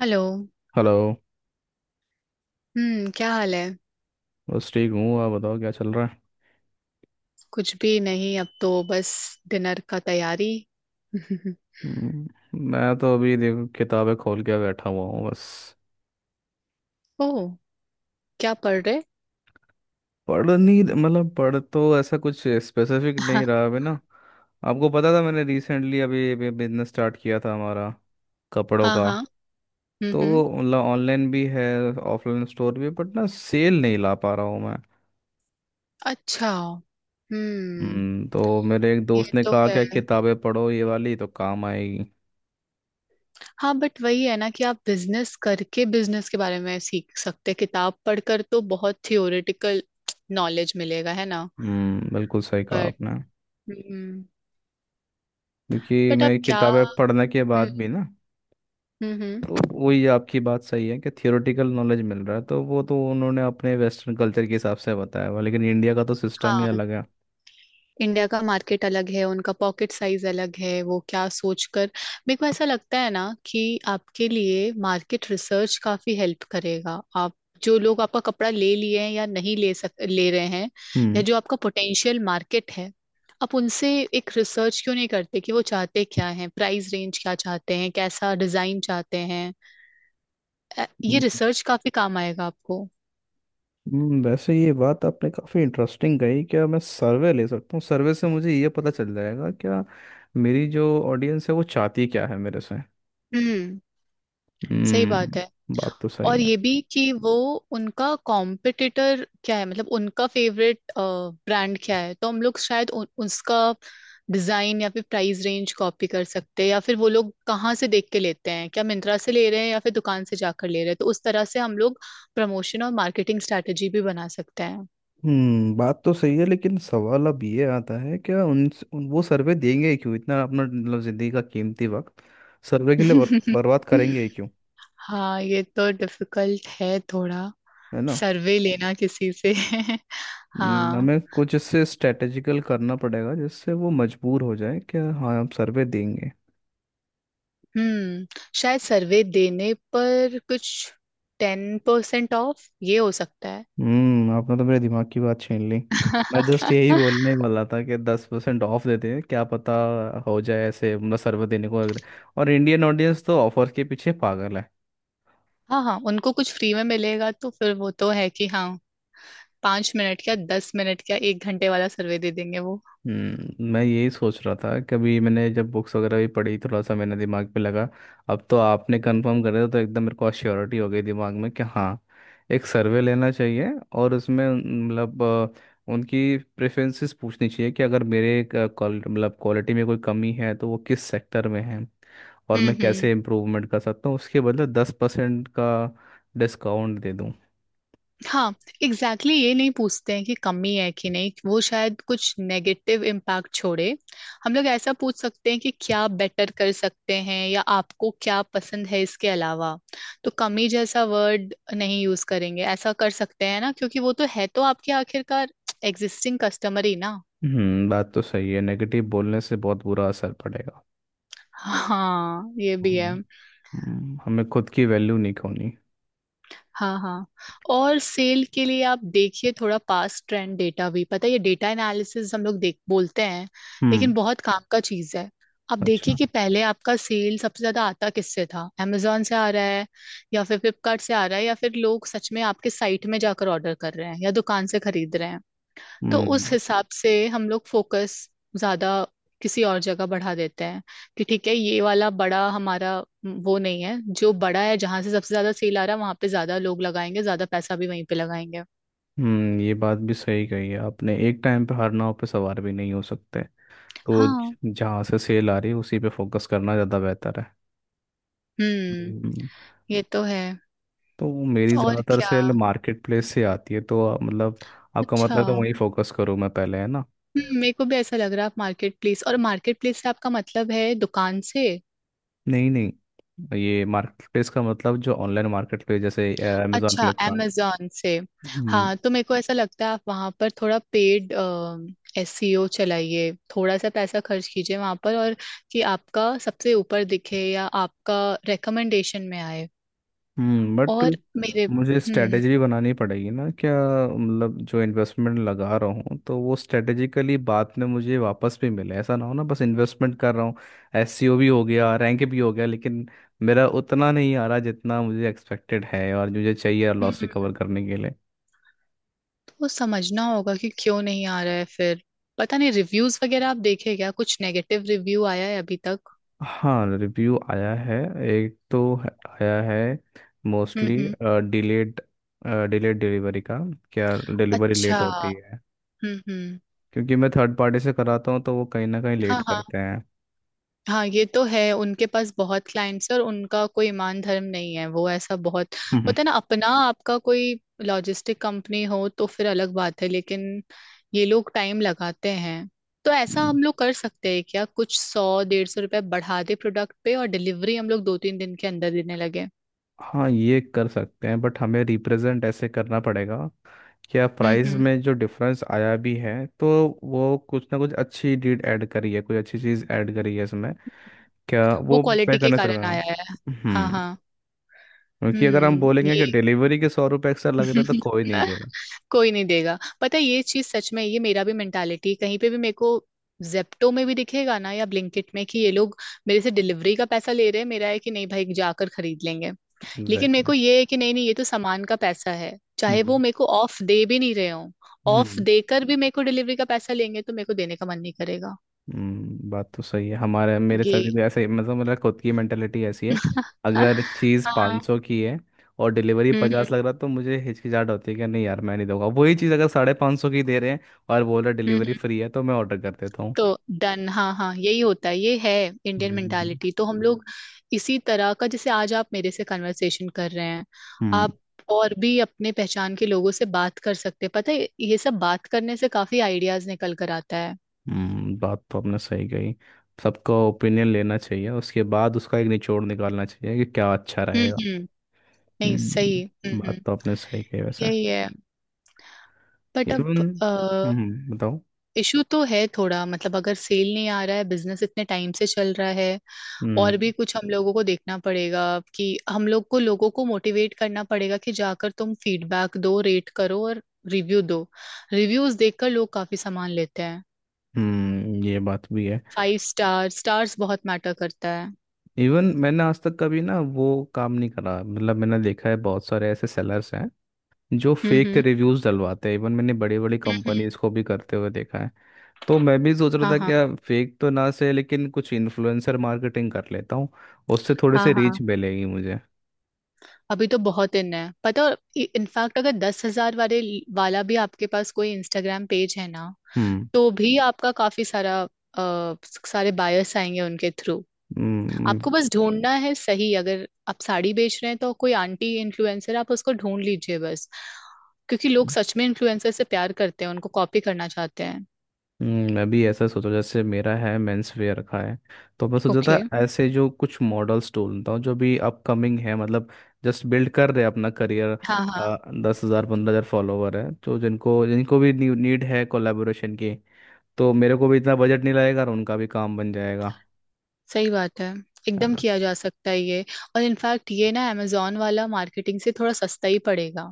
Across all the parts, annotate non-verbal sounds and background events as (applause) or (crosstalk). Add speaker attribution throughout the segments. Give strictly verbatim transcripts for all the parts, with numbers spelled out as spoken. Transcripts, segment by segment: Speaker 1: Hello.
Speaker 2: Hello.
Speaker 1: हम्म क्या हाल है?
Speaker 2: बस ठीक हूँ। आप बताओ क्या चल रहा है?
Speaker 1: कुछ भी नहीं, अब तो बस डिनर का तैयारी। (laughs)
Speaker 2: हम्म, मैं तो अभी देखो किताबें खोल के बैठा हुआ हूँ बस।
Speaker 1: ओह। क्या पढ़ रहे?
Speaker 2: पढ़ नहीं, मतलब पढ़ तो ऐसा कुछ स्पेसिफिक
Speaker 1: (laughs)
Speaker 2: नहीं रहा अभी ना। आपको पता था मैंने रिसेंटली अभी, अभी बिजनेस स्टार्ट किया था हमारा, कपड़ों
Speaker 1: हाँ
Speaker 2: का।
Speaker 1: हाँ। हम्म
Speaker 2: तो
Speaker 1: हम्म।
Speaker 2: मतलब ऑनलाइन भी है, ऑफलाइन स्टोर भी, बट ना सेल नहीं ला पा रहा हूँ मैं।
Speaker 1: अच्छा। हम्म।
Speaker 2: हम्म तो मेरे एक
Speaker 1: ये
Speaker 2: दोस्त ने
Speaker 1: तो
Speaker 2: कहा
Speaker 1: है।
Speaker 2: कि किताबें पढ़ो ये वाली तो काम आएगी।
Speaker 1: हाँ, बट वही है ना कि आप बिजनेस करके बिजनेस के बारे में सीख सकते हैं। किताब पढ़कर तो बहुत थियोरेटिकल नॉलेज मिलेगा, है ना।
Speaker 2: हम्म बिल्कुल सही कहा
Speaker 1: बट।
Speaker 2: आपने।
Speaker 1: हम्म।
Speaker 2: क्योंकि
Speaker 1: बट आप
Speaker 2: मैं
Speaker 1: क्या।
Speaker 2: किताबें पढ़ने के बाद
Speaker 1: हम्म।
Speaker 2: भी ना,
Speaker 1: हम्म हम्म।
Speaker 2: तो वही आपकी बात सही है कि थियोरेटिकल नॉलेज मिल रहा है, तो वो तो उन्होंने अपने वेस्टर्न कल्चर के हिसाब से बताया हुआ, लेकिन इंडिया का तो सिस्टम ही
Speaker 1: हाँ,
Speaker 2: अलग है।
Speaker 1: इंडिया का मार्केट अलग है, उनका पॉकेट साइज अलग है, वो क्या सोचकर। मेरे को ऐसा लगता है ना कि आपके लिए मार्केट रिसर्च काफी हेल्प करेगा। आप जो लोग आपका कपड़ा ले लिए हैं या नहीं ले सक ले रहे हैं, या
Speaker 2: हम्म
Speaker 1: जो आपका पोटेंशियल मार्केट है, आप उनसे एक रिसर्च क्यों नहीं करते कि वो चाहते क्या हैं, प्राइस रेंज क्या चाहते हैं, कैसा डिजाइन चाहते हैं। अ, ये
Speaker 2: हम्म,
Speaker 1: रिसर्च काफी काम आएगा आपको।
Speaker 2: हम्म, वैसे ये बात आपने काफ़ी इंटरेस्टिंग कही। क्या मैं सर्वे ले सकता हूँ? सर्वे से मुझे ये पता चल जाएगा क्या मेरी जो ऑडियंस है वो चाहती क्या है मेरे से।
Speaker 1: हम्म। सही बात है।
Speaker 2: हम्म बात तो सही
Speaker 1: और
Speaker 2: है।
Speaker 1: ये भी कि वो उनका कॉम्पिटिटर क्या है, मतलब उनका फेवरेट ब्रांड क्या है, तो हम लोग शायद उ, उसका डिजाइन या फिर प्राइस रेंज कॉपी कर सकते हैं, या फिर वो लोग कहाँ से देख के लेते हैं, क्या मिंत्रा से ले रहे हैं या फिर दुकान से जाकर ले रहे हैं। तो उस तरह से हम लोग प्रमोशन और मार्केटिंग स्ट्रेटेजी भी बना सकते हैं।
Speaker 2: हम्म बात तो सही है, लेकिन सवाल अब ये आता है क्या उन, उन वो सर्वे देंगे ही क्यों? इतना अपना मतलब जिंदगी का कीमती वक्त सर्वे के लिए बर, बर्बाद करेंगे ही
Speaker 1: (laughs)
Speaker 2: क्यों?
Speaker 1: हाँ, ये तो डिफिकल्ट है थोड़ा।
Speaker 2: है ना।
Speaker 1: सर्वे लेना किसी से। (laughs)
Speaker 2: हम्म,
Speaker 1: हाँ।
Speaker 2: हमें कुछ इससे स्ट्रेटेजिकल करना पड़ेगा जिससे वो मजबूर हो जाए कि हाँ हम सर्वे देंगे।
Speaker 1: हम्म। शायद सर्वे देने पर कुछ टेन परसेंट ऑफ, ये हो सकता है।
Speaker 2: हम्म आपने तो मेरे दिमाग की बात छीन ली। मैं जस्ट यही
Speaker 1: (laughs)
Speaker 2: बोलने वाला था कि दस परसेंट ऑफ देते हैं क्या पता हो जाए ऐसे, मतलब सर्वे देने को अगर। और इंडियन ऑडियंस तो ऑफर के पीछे पागल है।
Speaker 1: हाँ हाँ, उनको कुछ फ्री में मिलेगा तो फिर वो तो है कि हाँ, पांच मिनट क्या, दस मिनट क्या, एक घंटे वाला सर्वे दे देंगे वो।
Speaker 2: हम्म मैं यही सोच रहा था, कभी मैंने जब बुक्स वगैरह भी पढ़ी थोड़ा सा मैंने दिमाग पे लगा, अब तो आपने कंफर्म कर दिया तो एकदम मेरे को श्योरिटी हो गई दिमाग में कि हाँ एक सर्वे लेना चाहिए। और उसमें उन- मतलब अ, उनकी प्रेफरेंसेस पूछनी चाहिए कि अगर मेरे क- क्वाल- मतलब क्वालिटी में कोई कमी है तो वो किस सेक्टर में है और
Speaker 1: हम्म
Speaker 2: मैं
Speaker 1: हम्म।
Speaker 2: कैसे इम्प्रूवमेंट कर सकता हूँ उसके बदले दस परसेंट का डिस्काउंट दे दूँ।
Speaker 1: हाँ। एग्जैक्टली। exactly, ये नहीं पूछते हैं कि कमी है कि नहीं, वो शायद कुछ नेगेटिव इम्पैक्ट छोड़े। हम लोग ऐसा पूछ सकते हैं कि क्या बेटर कर सकते हैं या आपको क्या पसंद है इसके अलावा। तो कमी जैसा वर्ड नहीं यूज करेंगे, ऐसा कर सकते हैं ना, क्योंकि वो तो है तो आपके आखिरकार एग्जिस्टिंग कस्टमर ही ना।
Speaker 2: हम्म बात तो सही है, नेगेटिव बोलने से बहुत बुरा असर पड़ेगा।
Speaker 1: हाँ, ये भी है।
Speaker 2: हम्म, हमें खुद की वैल्यू नहीं खोनी।
Speaker 1: हाँ हाँ। और सेल के लिए आप देखिए, थोड़ा पास्ट ट्रेंड डेटा भी पता है, ये डेटा एनालिसिस हम लोग देख बोलते हैं,
Speaker 2: हम्म।
Speaker 1: लेकिन बहुत काम का चीज है। आप देखिए
Speaker 2: अच्छा।
Speaker 1: कि पहले आपका सेल सबसे ज्यादा आता किससे था, amazon से आ रहा है या फिर फ्लिपकार्ट से आ रहा है, या फिर लोग सच में आपके साइट में जाकर ऑर्डर कर रहे हैं या दुकान से खरीद रहे हैं। तो उस
Speaker 2: हम्म
Speaker 1: हिसाब से हम लोग फोकस ज्यादा किसी और जगह बढ़ा देते हैं कि ठीक है, ये वाला बड़ा हमारा वो नहीं है जो बड़ा है, जहां से सबसे ज्यादा सेल आ रहा है वहां पे ज्यादा लोग लगाएंगे, ज्यादा पैसा भी वहीं पे लगाएंगे।
Speaker 2: हम्म ये बात भी सही कही है आपने। एक टाइम पे हर नाव पे सवार भी नहीं हो सकते, तो ज-
Speaker 1: हाँ।
Speaker 2: जहाँ से सेल आ रही है उसी पे फोकस करना ज़्यादा बेहतर है।
Speaker 1: हम्म।
Speaker 2: हम्म,
Speaker 1: ये तो है।
Speaker 2: तो मेरी
Speaker 1: और
Speaker 2: ज़्यादातर
Speaker 1: क्या।
Speaker 2: सेल मार्केट प्लेस से आती है, तो आप- मतलब आपका
Speaker 1: अच्छा,
Speaker 2: मतलब तो
Speaker 1: हम्म,
Speaker 2: वहीं फोकस करूँ मैं पहले, है ना।
Speaker 1: मेरे को भी ऐसा लग रहा है, आप मार्केट प्लेस, और मार्केट प्लेस से आपका मतलब है दुकान से?
Speaker 2: नहीं नहीं, ये मार्केट प्लेस का मतलब जो ऑनलाइन मार्केट प्लेस, जैसे अमेजोन,
Speaker 1: अच्छा,
Speaker 2: फ्लिपकार्ट।
Speaker 1: amazon से। हाँ, तो मेरे को ऐसा लगता है आप वहाँ पर थोड़ा पेड एसईओ चलाइए, थोड़ा सा पैसा खर्च कीजिए वहाँ पर, और कि आपका सबसे ऊपर दिखे या आपका रिकमेंडेशन में आए।
Speaker 2: हम्म बट
Speaker 1: और मेरे।
Speaker 2: मुझे
Speaker 1: हम्म।
Speaker 2: स्ट्रेटेजी भी बनानी पड़ेगी ना क्या, मतलब जो इन्वेस्टमेंट लगा रहा हूँ तो वो स्ट्रेटेजिकली बाद में मुझे वापस भी मिले, ऐसा ना हो ना बस इन्वेस्टमेंट कर रहा हूँ, एससीओ भी हो गया रैंक भी हो गया लेकिन मेरा उतना नहीं आ रहा जितना मुझे एक्सपेक्टेड है और मुझे चाहिए
Speaker 1: हम्म
Speaker 2: लॉस रिकवर
Speaker 1: हम्म।
Speaker 2: करने के लिए।
Speaker 1: तो समझना होगा कि क्यों नहीं आ रहा है फिर। पता नहीं, रिव्यूज वगैरह आप देखे क्या, कुछ नेगेटिव रिव्यू आया है अभी तक?
Speaker 2: हाँ, रिव्यू आया है। एक तो है- आया है,
Speaker 1: हम्म
Speaker 2: मोस्टली
Speaker 1: हम्म।
Speaker 2: डिलेड डिलेड डिलीवरी का। क्या डिलीवरी
Speaker 1: अच्छा।
Speaker 2: लेट होती है?
Speaker 1: हम्म हम्म।
Speaker 2: क्योंकि मैं थर्ड पार्टी से कराता हूँ तो वो कहीं ना कहीं लेट
Speaker 1: हाँ हाँ।
Speaker 2: करते हैं।
Speaker 1: हाँ, ये तो है। उनके पास बहुत क्लाइंट्स है और उनका कोई ईमान धर्म नहीं है। वो ऐसा बहुत
Speaker 2: हम्म।
Speaker 1: होता है ना। अपना आपका कोई लॉजिस्टिक कंपनी हो तो फिर अलग बात है, लेकिन ये लोग टाइम लगाते हैं। तो ऐसा
Speaker 2: हम्म।
Speaker 1: हम लोग कर सकते हैं क्या, कुछ सौ डेढ़ सौ रुपए बढ़ा दे प्रोडक्ट पे और डिलीवरी हम लोग दो तीन दिन के अंदर देने लगे।
Speaker 2: हाँ, ये कर सकते हैं बट हमें रिप्रेजेंट ऐसे करना पड़ेगा क्या
Speaker 1: हम्म
Speaker 2: प्राइस
Speaker 1: हम्म।
Speaker 2: में जो डिफरेंस आया भी है तो वो कुछ ना कुछ अच्छी डीड ऐड करी है, कोई अच्छी चीज़ ऐड करी है इसमें, क्या
Speaker 1: वो
Speaker 2: वो पे
Speaker 1: क्वालिटी के
Speaker 2: करना चलेगा।
Speaker 1: कारण आया है। हाँ
Speaker 2: हम्म
Speaker 1: हाँ।
Speaker 2: क्योंकि अगर हम
Speaker 1: हम्म।
Speaker 2: बोलेंगे
Speaker 1: ये
Speaker 2: कि डिलीवरी के सौ रुपये एक्स्ट्रा लग रहे हैं तो कोई नहीं देगा।
Speaker 1: (laughs) कोई नहीं देगा, पता है ये चीज सच में, ये मेरा भी मेंटालिटी कहीं पे भी, मेरे को जेप्टो में भी दिखेगा ना या ब्लिंकिट में, कि ये लोग मेरे से डिलीवरी का पैसा ले रहे हैं, मेरा है कि नहीं भाई जाकर खरीद लेंगे। लेकिन मेरे
Speaker 2: एग्जैक्टली।
Speaker 1: को ये है कि नहीं नहीं, ये तो सामान का पैसा है, चाहे वो
Speaker 2: हम्म
Speaker 1: मेरे को ऑफ दे भी नहीं रहे हो। ऑफ
Speaker 2: हम्म
Speaker 1: देकर भी मेरे को डिलीवरी का पैसा लेंगे तो मेरे को देने का मन नहीं करेगा।
Speaker 2: हम्म, बात तो सही है, हमारे मेरे
Speaker 1: ये
Speaker 2: सभी भी ऐसे ही- मतलब मेरा खुद की मेंटेलिटी ऐसी है।
Speaker 1: (laughs)
Speaker 2: अगर चीज़
Speaker 1: हाँ। हम्म
Speaker 2: पांच सौ की है और डिलीवरी
Speaker 1: हम्म।
Speaker 2: पचास लग रहा, तो मुझे हिचकिचाहट होती है कि नहीं यार मैं नहीं दूंगा, वही चीज़ अगर साढ़े पाँच सौ की दे रहे हैं और बोल रहे डिलीवरी
Speaker 1: हम्म।
Speaker 2: फ्री है तो मैं ऑर्डर कर देता हूँ।
Speaker 1: तो डन, हाँ हाँ, यही होता है, ये है इंडियन
Speaker 2: हम्म
Speaker 1: मेंटालिटी तो हम, हम्म, लोग इसी तरह का। जैसे आज आप मेरे से कन्वर्सेशन कर रहे हैं,
Speaker 2: हम्म
Speaker 1: आप और भी अपने पहचान के लोगों से बात कर सकते हैं, पता है ये सब बात करने से काफी आइडियाज निकल कर आता है।
Speaker 2: हम्म, बात तो आपने सही कही। सबका ओपिनियन लेना चाहिए, उसके बाद उसका एक निचोड़ निकालना चाहिए कि क्या अच्छा
Speaker 1: हम्म
Speaker 2: रहेगा।
Speaker 1: हम्म। नहीं, सही। हम्म
Speaker 2: हम्म
Speaker 1: हम्म।
Speaker 2: बात तो आपने सही कही वैसे।
Speaker 1: यही है। But
Speaker 2: even.
Speaker 1: अब,
Speaker 2: हम्म बताओ।
Speaker 1: इशू तो है थोड़ा, मतलब अगर सेल नहीं आ रहा है, बिजनेस इतने टाइम से चल रहा है, और
Speaker 2: हम्म
Speaker 1: भी कुछ हम लोगों को देखना पड़ेगा कि हम लोग को लोगों को मोटिवेट करना पड़ेगा कि जाकर तुम फीडबैक दो, रेट करो, और रिव्यू दो। रिव्यूज देखकर लोग काफी सामान लेते हैं।
Speaker 2: हम्म ये बात भी है।
Speaker 1: फाइव स्टार स्टार्स बहुत मैटर करता है।
Speaker 2: इवन मैंने आज तक कभी ना वो काम नहीं करा, मतलब मैंने देखा है बहुत सारे ऐसे सेलर्स हैं जो
Speaker 1: हम्म
Speaker 2: फेक
Speaker 1: हम्म।
Speaker 2: रिव्यूज डलवाते हैं, इवन मैंने बड़ी बड़ी
Speaker 1: हम्म हम्म।
Speaker 2: कंपनीज को भी करते हुए देखा है। तो मैं भी सोच रहा
Speaker 1: हाँ
Speaker 2: था
Speaker 1: हाँ।
Speaker 2: क्या फेक तो ना से, लेकिन कुछ इन्फ्लुएंसर मार्केटिंग कर लेता हूँ, उससे थोड़े
Speaker 1: हाँ
Speaker 2: से
Speaker 1: हाँ।
Speaker 2: रीच मिलेगी मुझे।
Speaker 1: अभी तो बहुत इन है, पता। इनफैक्ट अगर दस हजार वाले वाला भी आपके पास कोई इंस्टाग्राम पेज है ना,
Speaker 2: हम्म
Speaker 1: तो भी आपका काफी सारा, अ, सारे बायर्स आएंगे उनके थ्रू।
Speaker 2: हम्म
Speaker 1: आपको बस ढूंढना है सही, अगर आप साड़ी बेच रहे हैं तो कोई आंटी इन्फ्लुएंसर आप उसको ढूंढ लीजिए बस। क्योंकि लोग सच में इन्फ्लुएंसर से प्यार करते हैं, उनको कॉपी करना चाहते हैं।
Speaker 2: हम्म, मैं भी ऐसा सोचा, जैसे मेरा है मेंस वेयर रखा है। तो मैं सोचा था
Speaker 1: ओके।
Speaker 2: ऐसे जो कुछ मॉडल्स ढूंढता हूँ जो भी अपकमिंग है, मतलब जस्ट बिल्ड कर रहे हैं अपना करियर,
Speaker 1: हाँ हाँ।
Speaker 2: दस हज़ार पंद्रह हज़ार फॉलोवर है, तो जिनको जिनको भी नीड है कोलेबोरेशन की, तो मेरे को भी इतना बजट नहीं लगेगा और उनका भी काम बन जाएगा,
Speaker 1: सही बात है,
Speaker 2: है
Speaker 1: एकदम
Speaker 2: ना।
Speaker 1: किया जा सकता है ये। और इनफैक्ट ये ना अमेजोन वाला मार्केटिंग से थोड़ा सस्ता ही पड़ेगा।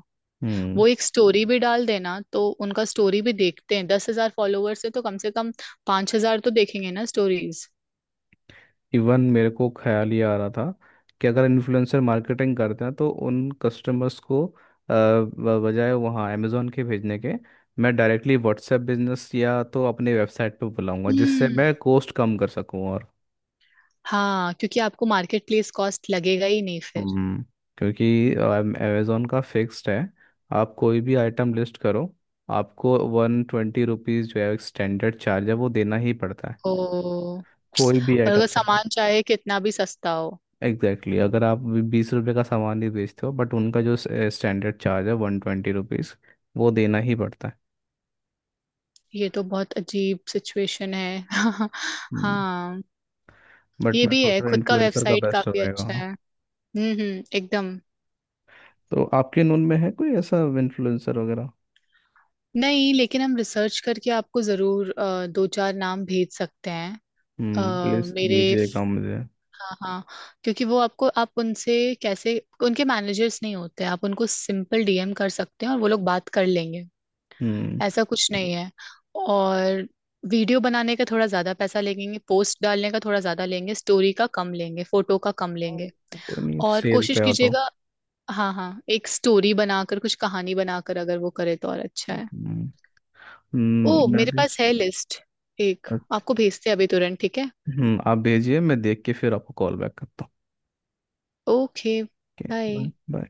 Speaker 2: हम्म
Speaker 1: वो एक स्टोरी भी डाल देना तो उनका स्टोरी भी देखते हैं, दस हजार फॉलोअर्स है तो कम से कम पांच हजार तो देखेंगे ना स्टोरीज।
Speaker 2: इवन मेरे को ख्याल ये आ रहा था कि अगर इन्फ्लुएंसर मार्केटिंग करते हैं तो उन कस्टमर्स को अ, ब- बजाय वहाँ अमेज़ोन के भेजने के मैं डायरेक्टली व्हाट्सएप बिजनेस या तो अपने वेबसाइट पे बुलाऊंगा, जिससे
Speaker 1: हम्म।
Speaker 2: मैं कॉस्ट कम कर सकूँ और।
Speaker 1: हाँ, क्योंकि आपको मार्केट प्लेस कॉस्ट लगेगा ही नहीं फिर।
Speaker 2: हम्म क्योंकि अमेज़ोन का फिक्स्ड है, आप कोई भी आइटम लिस्ट करो आपको वन ट्वेंटी रुपीज़ जो है स्टैंडर्ड चार्ज है वो देना ही पड़ता है,
Speaker 1: ओ।
Speaker 2: कोई भी
Speaker 1: और अगर
Speaker 2: आइटम।
Speaker 1: सामान चाहे कितना भी सस्ता हो।
Speaker 2: Exactly, exactly। अगर आप बीस रुपए का सामान ही बेचते हो बट उनका जो स्टैंडर्ड चार्ज है वन ट्वेंटी रुपीज़ वो देना ही पड़ता है।
Speaker 1: ये तो बहुत अजीब सिचुएशन है। (laughs) हाँ,
Speaker 2: बट
Speaker 1: ये
Speaker 2: मैं
Speaker 1: भी
Speaker 2: सोच
Speaker 1: है।
Speaker 2: रहा हूँ
Speaker 1: खुद का
Speaker 2: इन्फ्लुएंसर का
Speaker 1: वेबसाइट
Speaker 2: बेस्ट
Speaker 1: काफी
Speaker 2: रहेगा,
Speaker 1: अच्छा
Speaker 2: हाँ।
Speaker 1: है। हम्म हम्म, एकदम।
Speaker 2: तो आपके नून में है कोई ऐसा इन्फ्लुएंसर वगैरह?
Speaker 1: नहीं, लेकिन हम रिसर्च करके आपको जरूर अ, दो चार नाम भेज सकते हैं।
Speaker 2: हम्म प्लीज
Speaker 1: अ, मेरे,
Speaker 2: दीजिएगा मुझे।
Speaker 1: हाँ हाँ, क्योंकि वो आपको, आप उनसे कैसे, उनके मैनेजर्स नहीं होते, आप उनको सिंपल डीएम कर सकते हैं और वो लोग बात कर लेंगे,
Speaker 2: हम्म
Speaker 1: ऐसा कुछ नहीं है। और वीडियो बनाने का थोड़ा ज्यादा पैसा लेंगे, पोस्ट डालने का थोड़ा ज्यादा लेंगे, स्टोरी का कम लेंगे, फोटो का कम लेंगे।
Speaker 2: कोई नहीं,
Speaker 1: और
Speaker 2: सेल
Speaker 1: कोशिश
Speaker 2: पे हो तो।
Speaker 1: कीजिएगा। हाँ हाँ, एक स्टोरी बनाकर कुछ कहानी बनाकर अगर वो करे तो और अच्छा है।
Speaker 2: हम्म
Speaker 1: ओ,
Speaker 2: हम्म, मैं
Speaker 1: मेरे
Speaker 2: भी।
Speaker 1: पास है लिस्ट एक।
Speaker 2: अच्छा।
Speaker 1: आपको भेजते हैं अभी तुरंत, ठीक है।
Speaker 2: हम्म आप भेजिए, मैं देख के फिर आपको कॉल बैक करता हूँ।
Speaker 1: Okay,
Speaker 2: okay.
Speaker 1: Bye.
Speaker 2: Bye bye.